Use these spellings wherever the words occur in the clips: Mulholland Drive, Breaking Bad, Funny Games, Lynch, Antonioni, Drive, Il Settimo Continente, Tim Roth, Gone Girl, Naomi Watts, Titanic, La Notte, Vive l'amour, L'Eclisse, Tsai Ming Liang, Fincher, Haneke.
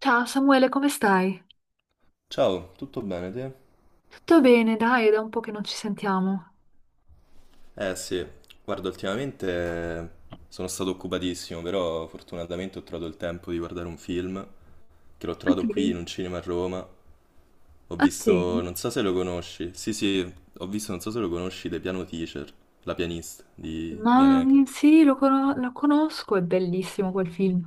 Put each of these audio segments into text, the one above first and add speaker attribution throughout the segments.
Speaker 1: Ciao Samuele, come stai?
Speaker 2: Ciao, tutto bene te?
Speaker 1: Tutto bene, dai, è da un po' che non ci sentiamo.
Speaker 2: Eh sì, guarda, ultimamente sono stato occupatissimo, però fortunatamente ho trovato il tempo di guardare un film che l'ho
Speaker 1: Ok.
Speaker 2: trovato qui in un cinema a Roma. Ho
Speaker 1: Ah sì?
Speaker 2: visto, non so se lo conosci, sì sì, ho visto, non so se lo conosci, The Piano Teacher, la pianista di Haneke.
Speaker 1: Lo conosco, è bellissimo quel film.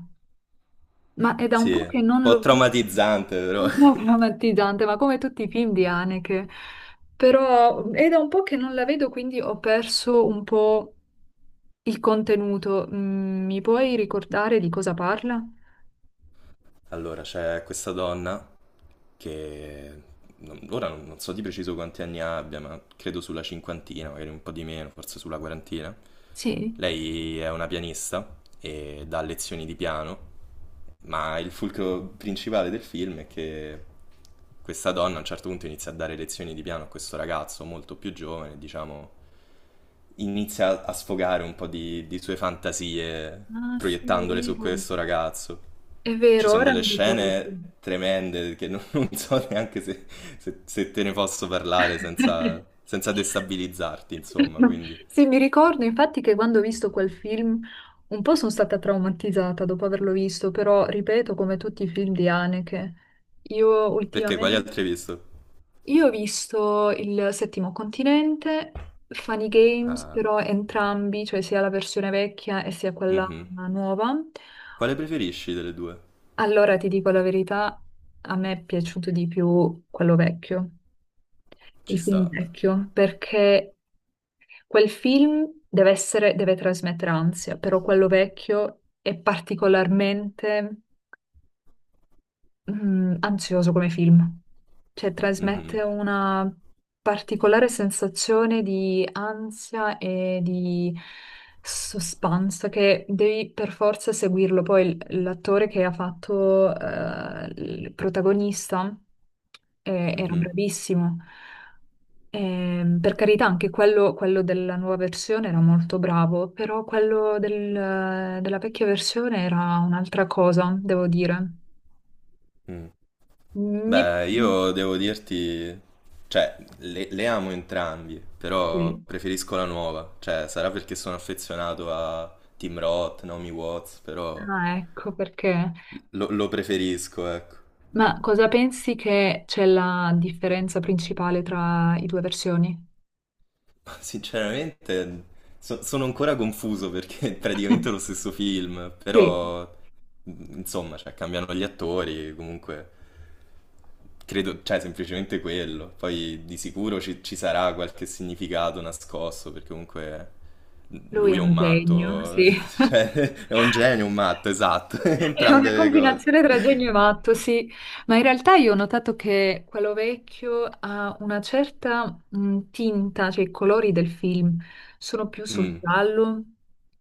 Speaker 1: Ma è da un
Speaker 2: Sì,
Speaker 1: po'
Speaker 2: un
Speaker 1: che non
Speaker 2: po'
Speaker 1: l'ho visto.
Speaker 2: traumatizzante però.
Speaker 1: Un po' traumatizzante, ma come tutti i film di Haneke. Però è da un po' che non la vedo, quindi ho perso un po' il contenuto. Mi puoi ricordare di cosa parla?
Speaker 2: Allora, c'è questa donna che non- ora non, non so di preciso quanti anni abbia, ma credo sulla cinquantina, magari un po' di meno, forse sulla quarantina.
Speaker 1: Sì.
Speaker 2: Lei è una pianista e dà lezioni di piano, ma il fulcro principale del film è che questa donna a un certo punto inizia a dare lezioni di piano a questo ragazzo molto più giovane, diciamo inizia a sfogare un po' di sue fantasie
Speaker 1: Ah sì, è
Speaker 2: proiettandole su
Speaker 1: vero.
Speaker 2: questo ragazzo.
Speaker 1: È
Speaker 2: Ci
Speaker 1: vero,
Speaker 2: sono
Speaker 1: ora
Speaker 2: delle
Speaker 1: mi ricordo.
Speaker 2: scene tremende che non so neanche se, se te ne posso parlare senza, senza destabilizzarti, insomma, quindi...
Speaker 1: Sì, mi ricordo infatti che quando ho visto quel film un po' sono stata traumatizzata dopo averlo visto, però ripeto, come tutti i film di Haneke, io
Speaker 2: Perché quali
Speaker 1: ultimamente
Speaker 2: altri hai visto?
Speaker 1: io ho visto Il Settimo Continente, Funny Games,
Speaker 2: Ah,
Speaker 1: però entrambi, cioè sia la versione vecchia e sia quella
Speaker 2: mhm.
Speaker 1: nuova.
Speaker 2: Quale preferisci delle due?
Speaker 1: Allora ti dico la verità, a me è piaciuto di più quello vecchio,
Speaker 2: Ci
Speaker 1: il film
Speaker 2: sta.
Speaker 1: vecchio, perché quel film deve essere, deve trasmettere ansia, però quello vecchio è particolarmente ansioso come film, cioè
Speaker 2: Mhm,
Speaker 1: trasmette una particolare sensazione di ansia e di suspense che devi per forza seguirlo. Poi l'attore che ha fatto il protagonista era
Speaker 2: mhm,
Speaker 1: bravissimo. Per carità, anche quello della nuova versione era molto bravo, però della vecchia versione era un'altra cosa, devo dire.
Speaker 2: mm.
Speaker 1: Mi è-
Speaker 2: Beh, io devo dirti, cioè, le amo entrambi, però
Speaker 1: sì.
Speaker 2: preferisco la nuova. Cioè, sarà perché sono affezionato a Tim Roth, Naomi Watts, però
Speaker 1: Ah, ecco perché.
Speaker 2: lo preferisco, ecco.
Speaker 1: Ma cosa pensi che c'è la differenza principale tra i due versioni?
Speaker 2: Ma sinceramente, sono ancora confuso perché è praticamente lo stesso film,
Speaker 1: Sì,
Speaker 2: però, insomma, cioè, cambiano gli attori, comunque credo, cioè, semplicemente quello. Poi di sicuro ci sarà qualche significato nascosto, perché comunque
Speaker 1: lui è
Speaker 2: lui è un
Speaker 1: un genio,
Speaker 2: matto,
Speaker 1: sì.
Speaker 2: cioè, è un genio, un matto, esatto,
Speaker 1: È una
Speaker 2: entrambe le cose.
Speaker 1: combinazione tra genio e matto, sì, ma in realtà io ho notato che quello vecchio ha una certa tinta, cioè i colori del film sono più sul
Speaker 2: Mm,
Speaker 1: giallo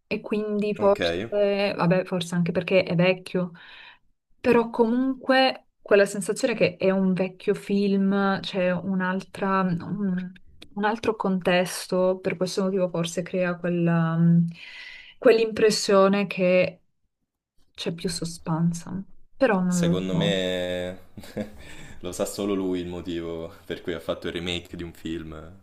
Speaker 1: e quindi forse,
Speaker 2: ok,
Speaker 1: vabbè, forse anche perché è vecchio, però comunque quella sensazione che è un vecchio film, c'è un altro contesto, per questo motivo forse crea quella, quell'impressione che c'è più suspense, però non lo
Speaker 2: secondo
Speaker 1: so.
Speaker 2: me lo sa solo lui il motivo per cui ha fatto il remake di un film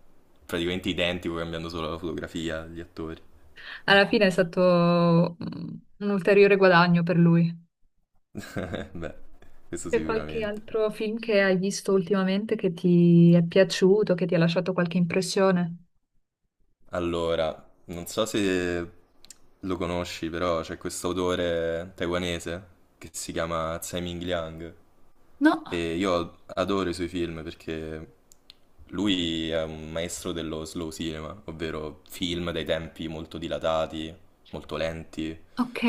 Speaker 2: praticamente identico, cambiando solo la fotografia, gli attori.
Speaker 1: Alla fine è stato un ulteriore guadagno per lui.
Speaker 2: Beh, questo
Speaker 1: C'è qualche
Speaker 2: sicuramente.
Speaker 1: altro film che hai visto ultimamente che ti è piaciuto, che ti ha lasciato qualche impressione?
Speaker 2: Allora, non so se lo conosci, però c'è questo autore taiwanese che si chiama Tsai Ming Liang.
Speaker 1: No?
Speaker 2: E io adoro i suoi film perché lui è un maestro dello slow cinema, ovvero film dai tempi molto dilatati, molto lenti.
Speaker 1: Ok.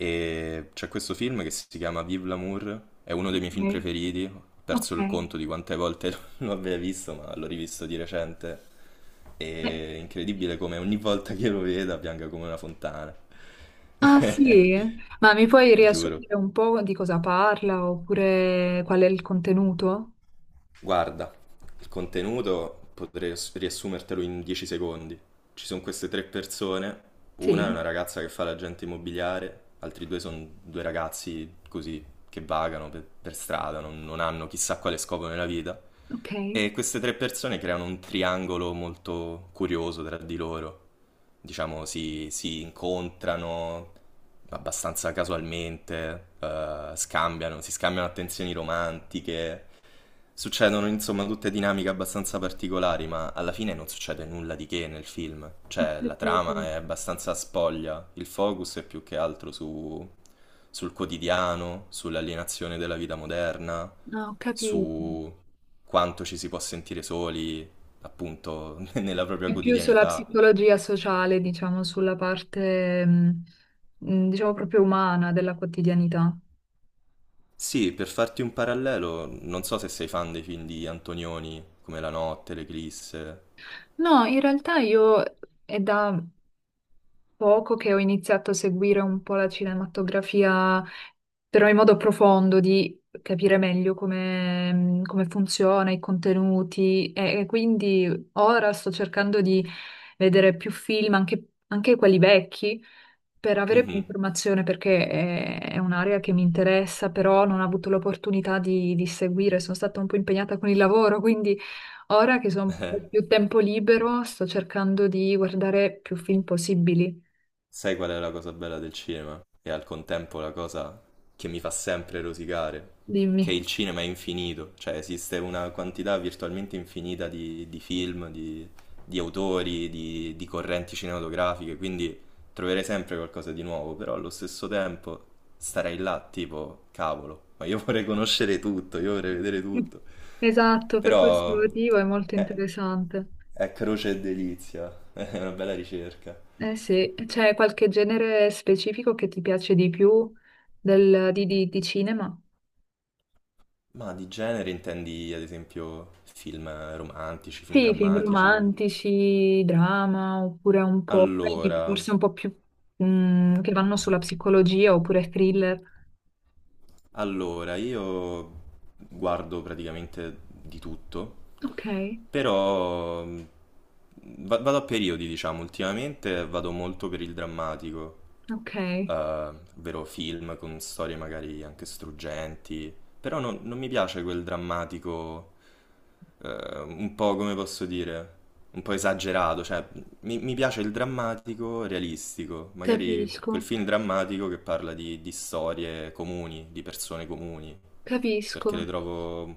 Speaker 2: E c'è questo film che si chiama Vive l'amour, è uno dei miei film
Speaker 1: Ok.
Speaker 2: preferiti. Ho
Speaker 1: Ok.
Speaker 2: perso il conto di quante volte lo abbia visto, ma l'ho rivisto di recente. È
Speaker 1: Eh,
Speaker 2: incredibile come ogni volta che lo veda pianga come una fontana.
Speaker 1: ah sì? Ma mi puoi
Speaker 2: Giuro.
Speaker 1: riassumere un po' di cosa parla oppure qual è il contenuto?
Speaker 2: Guarda, il contenuto potrei riassumertelo in 10 secondi. Ci sono queste tre persone, una è
Speaker 1: Sì.
Speaker 2: una ragazza che fa l'agente immobiliare, altri due sono due ragazzi così che vagano per strada, non hanno chissà quale scopo nella vita.
Speaker 1: Ok.
Speaker 2: E queste tre persone creano un triangolo molto curioso tra di loro. Diciamo, si incontrano abbastanza casualmente, scambiano, si scambiano attenzioni romantiche. Succedono insomma tutte dinamiche abbastanza particolari, ma alla fine non succede nulla di che nel film.
Speaker 1: Ho
Speaker 2: Cioè, la
Speaker 1: capito.
Speaker 2: trama è abbastanza spoglia, il focus è più che altro sul quotidiano, sull'alienazione della vita moderna,
Speaker 1: Ah, ho capito.
Speaker 2: su quanto ci si può sentire soli, appunto, nella propria
Speaker 1: È più sulla
Speaker 2: quotidianità.
Speaker 1: psicologia sociale, diciamo, sulla parte, diciamo, proprio umana della quotidianità.
Speaker 2: Sì, per farti un parallelo, non so se sei fan dei film di Antonioni, come La Notte, L'Eclisse.
Speaker 1: No, in realtà io è da poco che ho iniziato a seguire un po' la cinematografia, però in modo profondo, di capire meglio come, come funziona, i contenuti, e quindi ora sto cercando di vedere più film, anche quelli vecchi per avere più
Speaker 2: Mhm.
Speaker 1: informazione, perché è un'area che mi interessa, però non ho avuto l'opportunità di seguire, sono stata un po' impegnata con il lavoro, quindi ora che sono un po' più tempo libero, sto cercando di guardare più film possibili.
Speaker 2: Sai qual è la cosa bella del cinema? E al contempo la cosa che mi fa sempre rosicare, che
Speaker 1: Dimmi.
Speaker 2: il cinema è infinito, cioè esiste una quantità virtualmente infinita di film, di autori, di correnti cinematografiche, quindi troverei sempre qualcosa di nuovo, però allo stesso tempo starei là tipo, cavolo, ma io vorrei conoscere tutto, io vorrei vedere tutto,
Speaker 1: Esatto, per questo
Speaker 2: però
Speaker 1: motivo è molto
Speaker 2: è,
Speaker 1: interessante.
Speaker 2: è croce e delizia, è una bella ricerca.
Speaker 1: Eh sì, c'è qualche genere specifico che ti piace di più di cinema?
Speaker 2: Ma di genere intendi ad esempio film romantici, film
Speaker 1: Sì, film
Speaker 2: drammatici?
Speaker 1: romantici, drama, oppure un po', quelli
Speaker 2: Allora,
Speaker 1: forse un po' più che vanno sulla psicologia, oppure thriller.
Speaker 2: allora, io guardo praticamente di tutto,
Speaker 1: Ok,
Speaker 2: però vado a periodi, diciamo, ultimamente vado molto per il drammatico,
Speaker 1: ok,
Speaker 2: eh, ovvero film con storie magari anche struggenti, però non mi piace quel drammatico un po' come posso dire, un po' esagerato, cioè mi piace il drammatico realistico, magari quel
Speaker 1: capisco,
Speaker 2: film drammatico che parla di storie comuni, di persone comuni, perché
Speaker 1: capisco.
Speaker 2: trovo,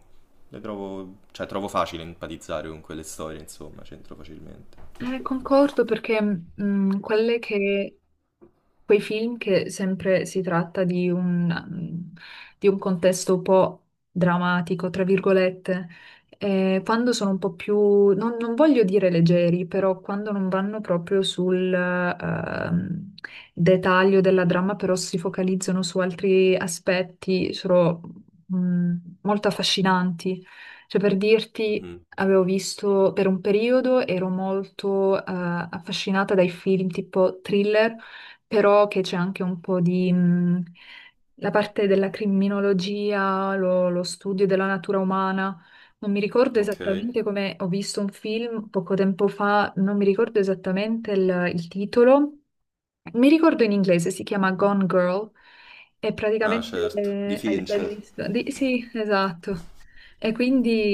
Speaker 2: le trovo, cioè trovo facile empatizzare con quelle storie, insomma, c'entro facilmente.
Speaker 1: Concordo perché quelle che quei film che sempre si tratta di di un contesto un po' drammatico, tra virgolette. Quando sono un po' più, non voglio dire leggeri, però quando non vanno proprio sul dettaglio della dramma, però si focalizzano su altri aspetti, sono mm, molto affascinanti. Cioè, per dirti,
Speaker 2: Mhm,
Speaker 1: avevo visto per un periodo, ero molto affascinata dai film tipo thriller però che c'è anche un po' di... la parte della criminologia, lo studio della natura umana. Non mi ricordo
Speaker 2: ok.
Speaker 1: esattamente come ho visto un film poco tempo fa, non mi ricordo esattamente il titolo. Mi ricordo in inglese, si chiama Gone Girl e
Speaker 2: Ah,
Speaker 1: praticamente
Speaker 2: certo, di
Speaker 1: l'hai
Speaker 2: Fincher.
Speaker 1: visto? Sì, esatto. E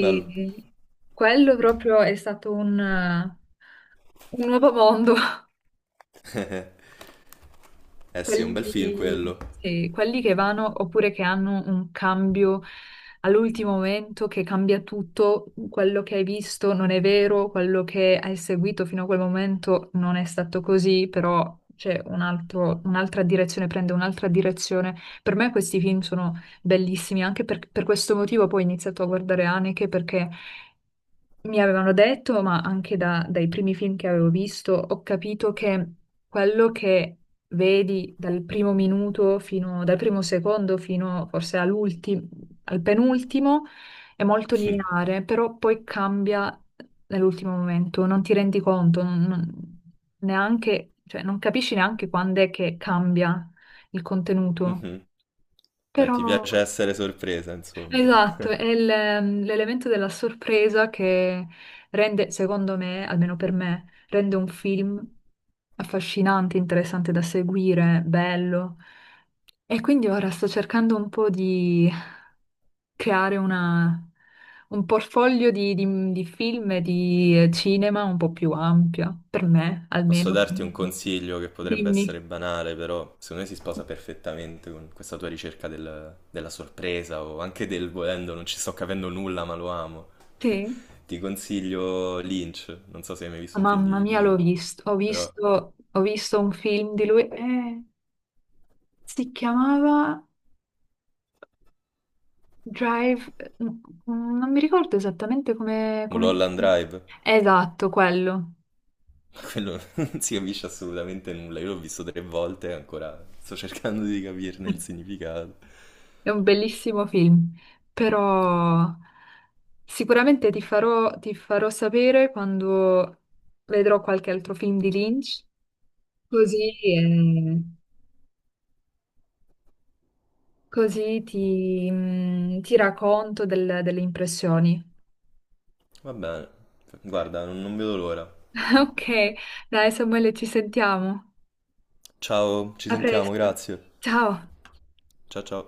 Speaker 2: Bello.
Speaker 1: quello proprio è stato un nuovo mondo
Speaker 2: Eh sì, è un bel film
Speaker 1: quelli,
Speaker 2: quello.
Speaker 1: sì, quelli che vanno oppure che hanno un cambio all'ultimo momento che cambia tutto, quello che hai visto non è vero, quello che hai seguito fino a quel momento non è stato così, però c'è un'altra direzione, prende un'altra direzione. Per me questi film sono bellissimi, anche per questo motivo poi ho iniziato a guardare Haneke perché mi avevano detto, ma anche dai primi film che avevo visto, ho capito che quello che vedi dal primo minuto fino, dal primo secondo fino forse all'ultimo, al penultimo è molto lineare, però poi cambia nell'ultimo momento, non ti rendi conto, neanche, cioè non capisci neanche quando è che cambia il contenuto,
Speaker 2: Mhm. Beh,
Speaker 1: però
Speaker 2: ti piace essere sorpresa, insomma.
Speaker 1: esatto, è l'elemento della sorpresa che rende, secondo me, almeno per me, rende un film affascinante, interessante da seguire, bello. E quindi ora sto cercando un po' di creare un portfolio di film e di cinema un po' più ampio, per me
Speaker 2: Posso
Speaker 1: almeno.
Speaker 2: darti un consiglio che potrebbe
Speaker 1: Dimmi.
Speaker 2: essere banale, però secondo me si sposa perfettamente con questa tua ricerca del- della sorpresa o anche del volendo, non ci sto capendo nulla, ma lo amo.
Speaker 1: Sì?
Speaker 2: Ti consiglio Lynch, non so se hai mai visto un film
Speaker 1: Mamma
Speaker 2: di
Speaker 1: mia, l'ho
Speaker 2: Lynch,
Speaker 1: visto,
Speaker 2: però
Speaker 1: ho visto un film di lui. Si chiamava Drive, non mi ricordo esattamente come...
Speaker 2: Mulholland Drive,
Speaker 1: esatto, quello.
Speaker 2: ma quello non si capisce assolutamente nulla, io l'ho visto tre volte e ancora sto cercando di capirne il significato.
Speaker 1: È un bellissimo film, però sicuramente ti farò sapere quando vedrò qualche altro film di Lynch, così, eh, così ti racconto delle impressioni.
Speaker 2: Va bene, guarda, non vedo l'ora.
Speaker 1: Ok, dai Samuele, ci sentiamo.
Speaker 2: Ciao, ci
Speaker 1: A
Speaker 2: sentiamo,
Speaker 1: presto.
Speaker 2: grazie.
Speaker 1: Ciao.
Speaker 2: Ciao ciao.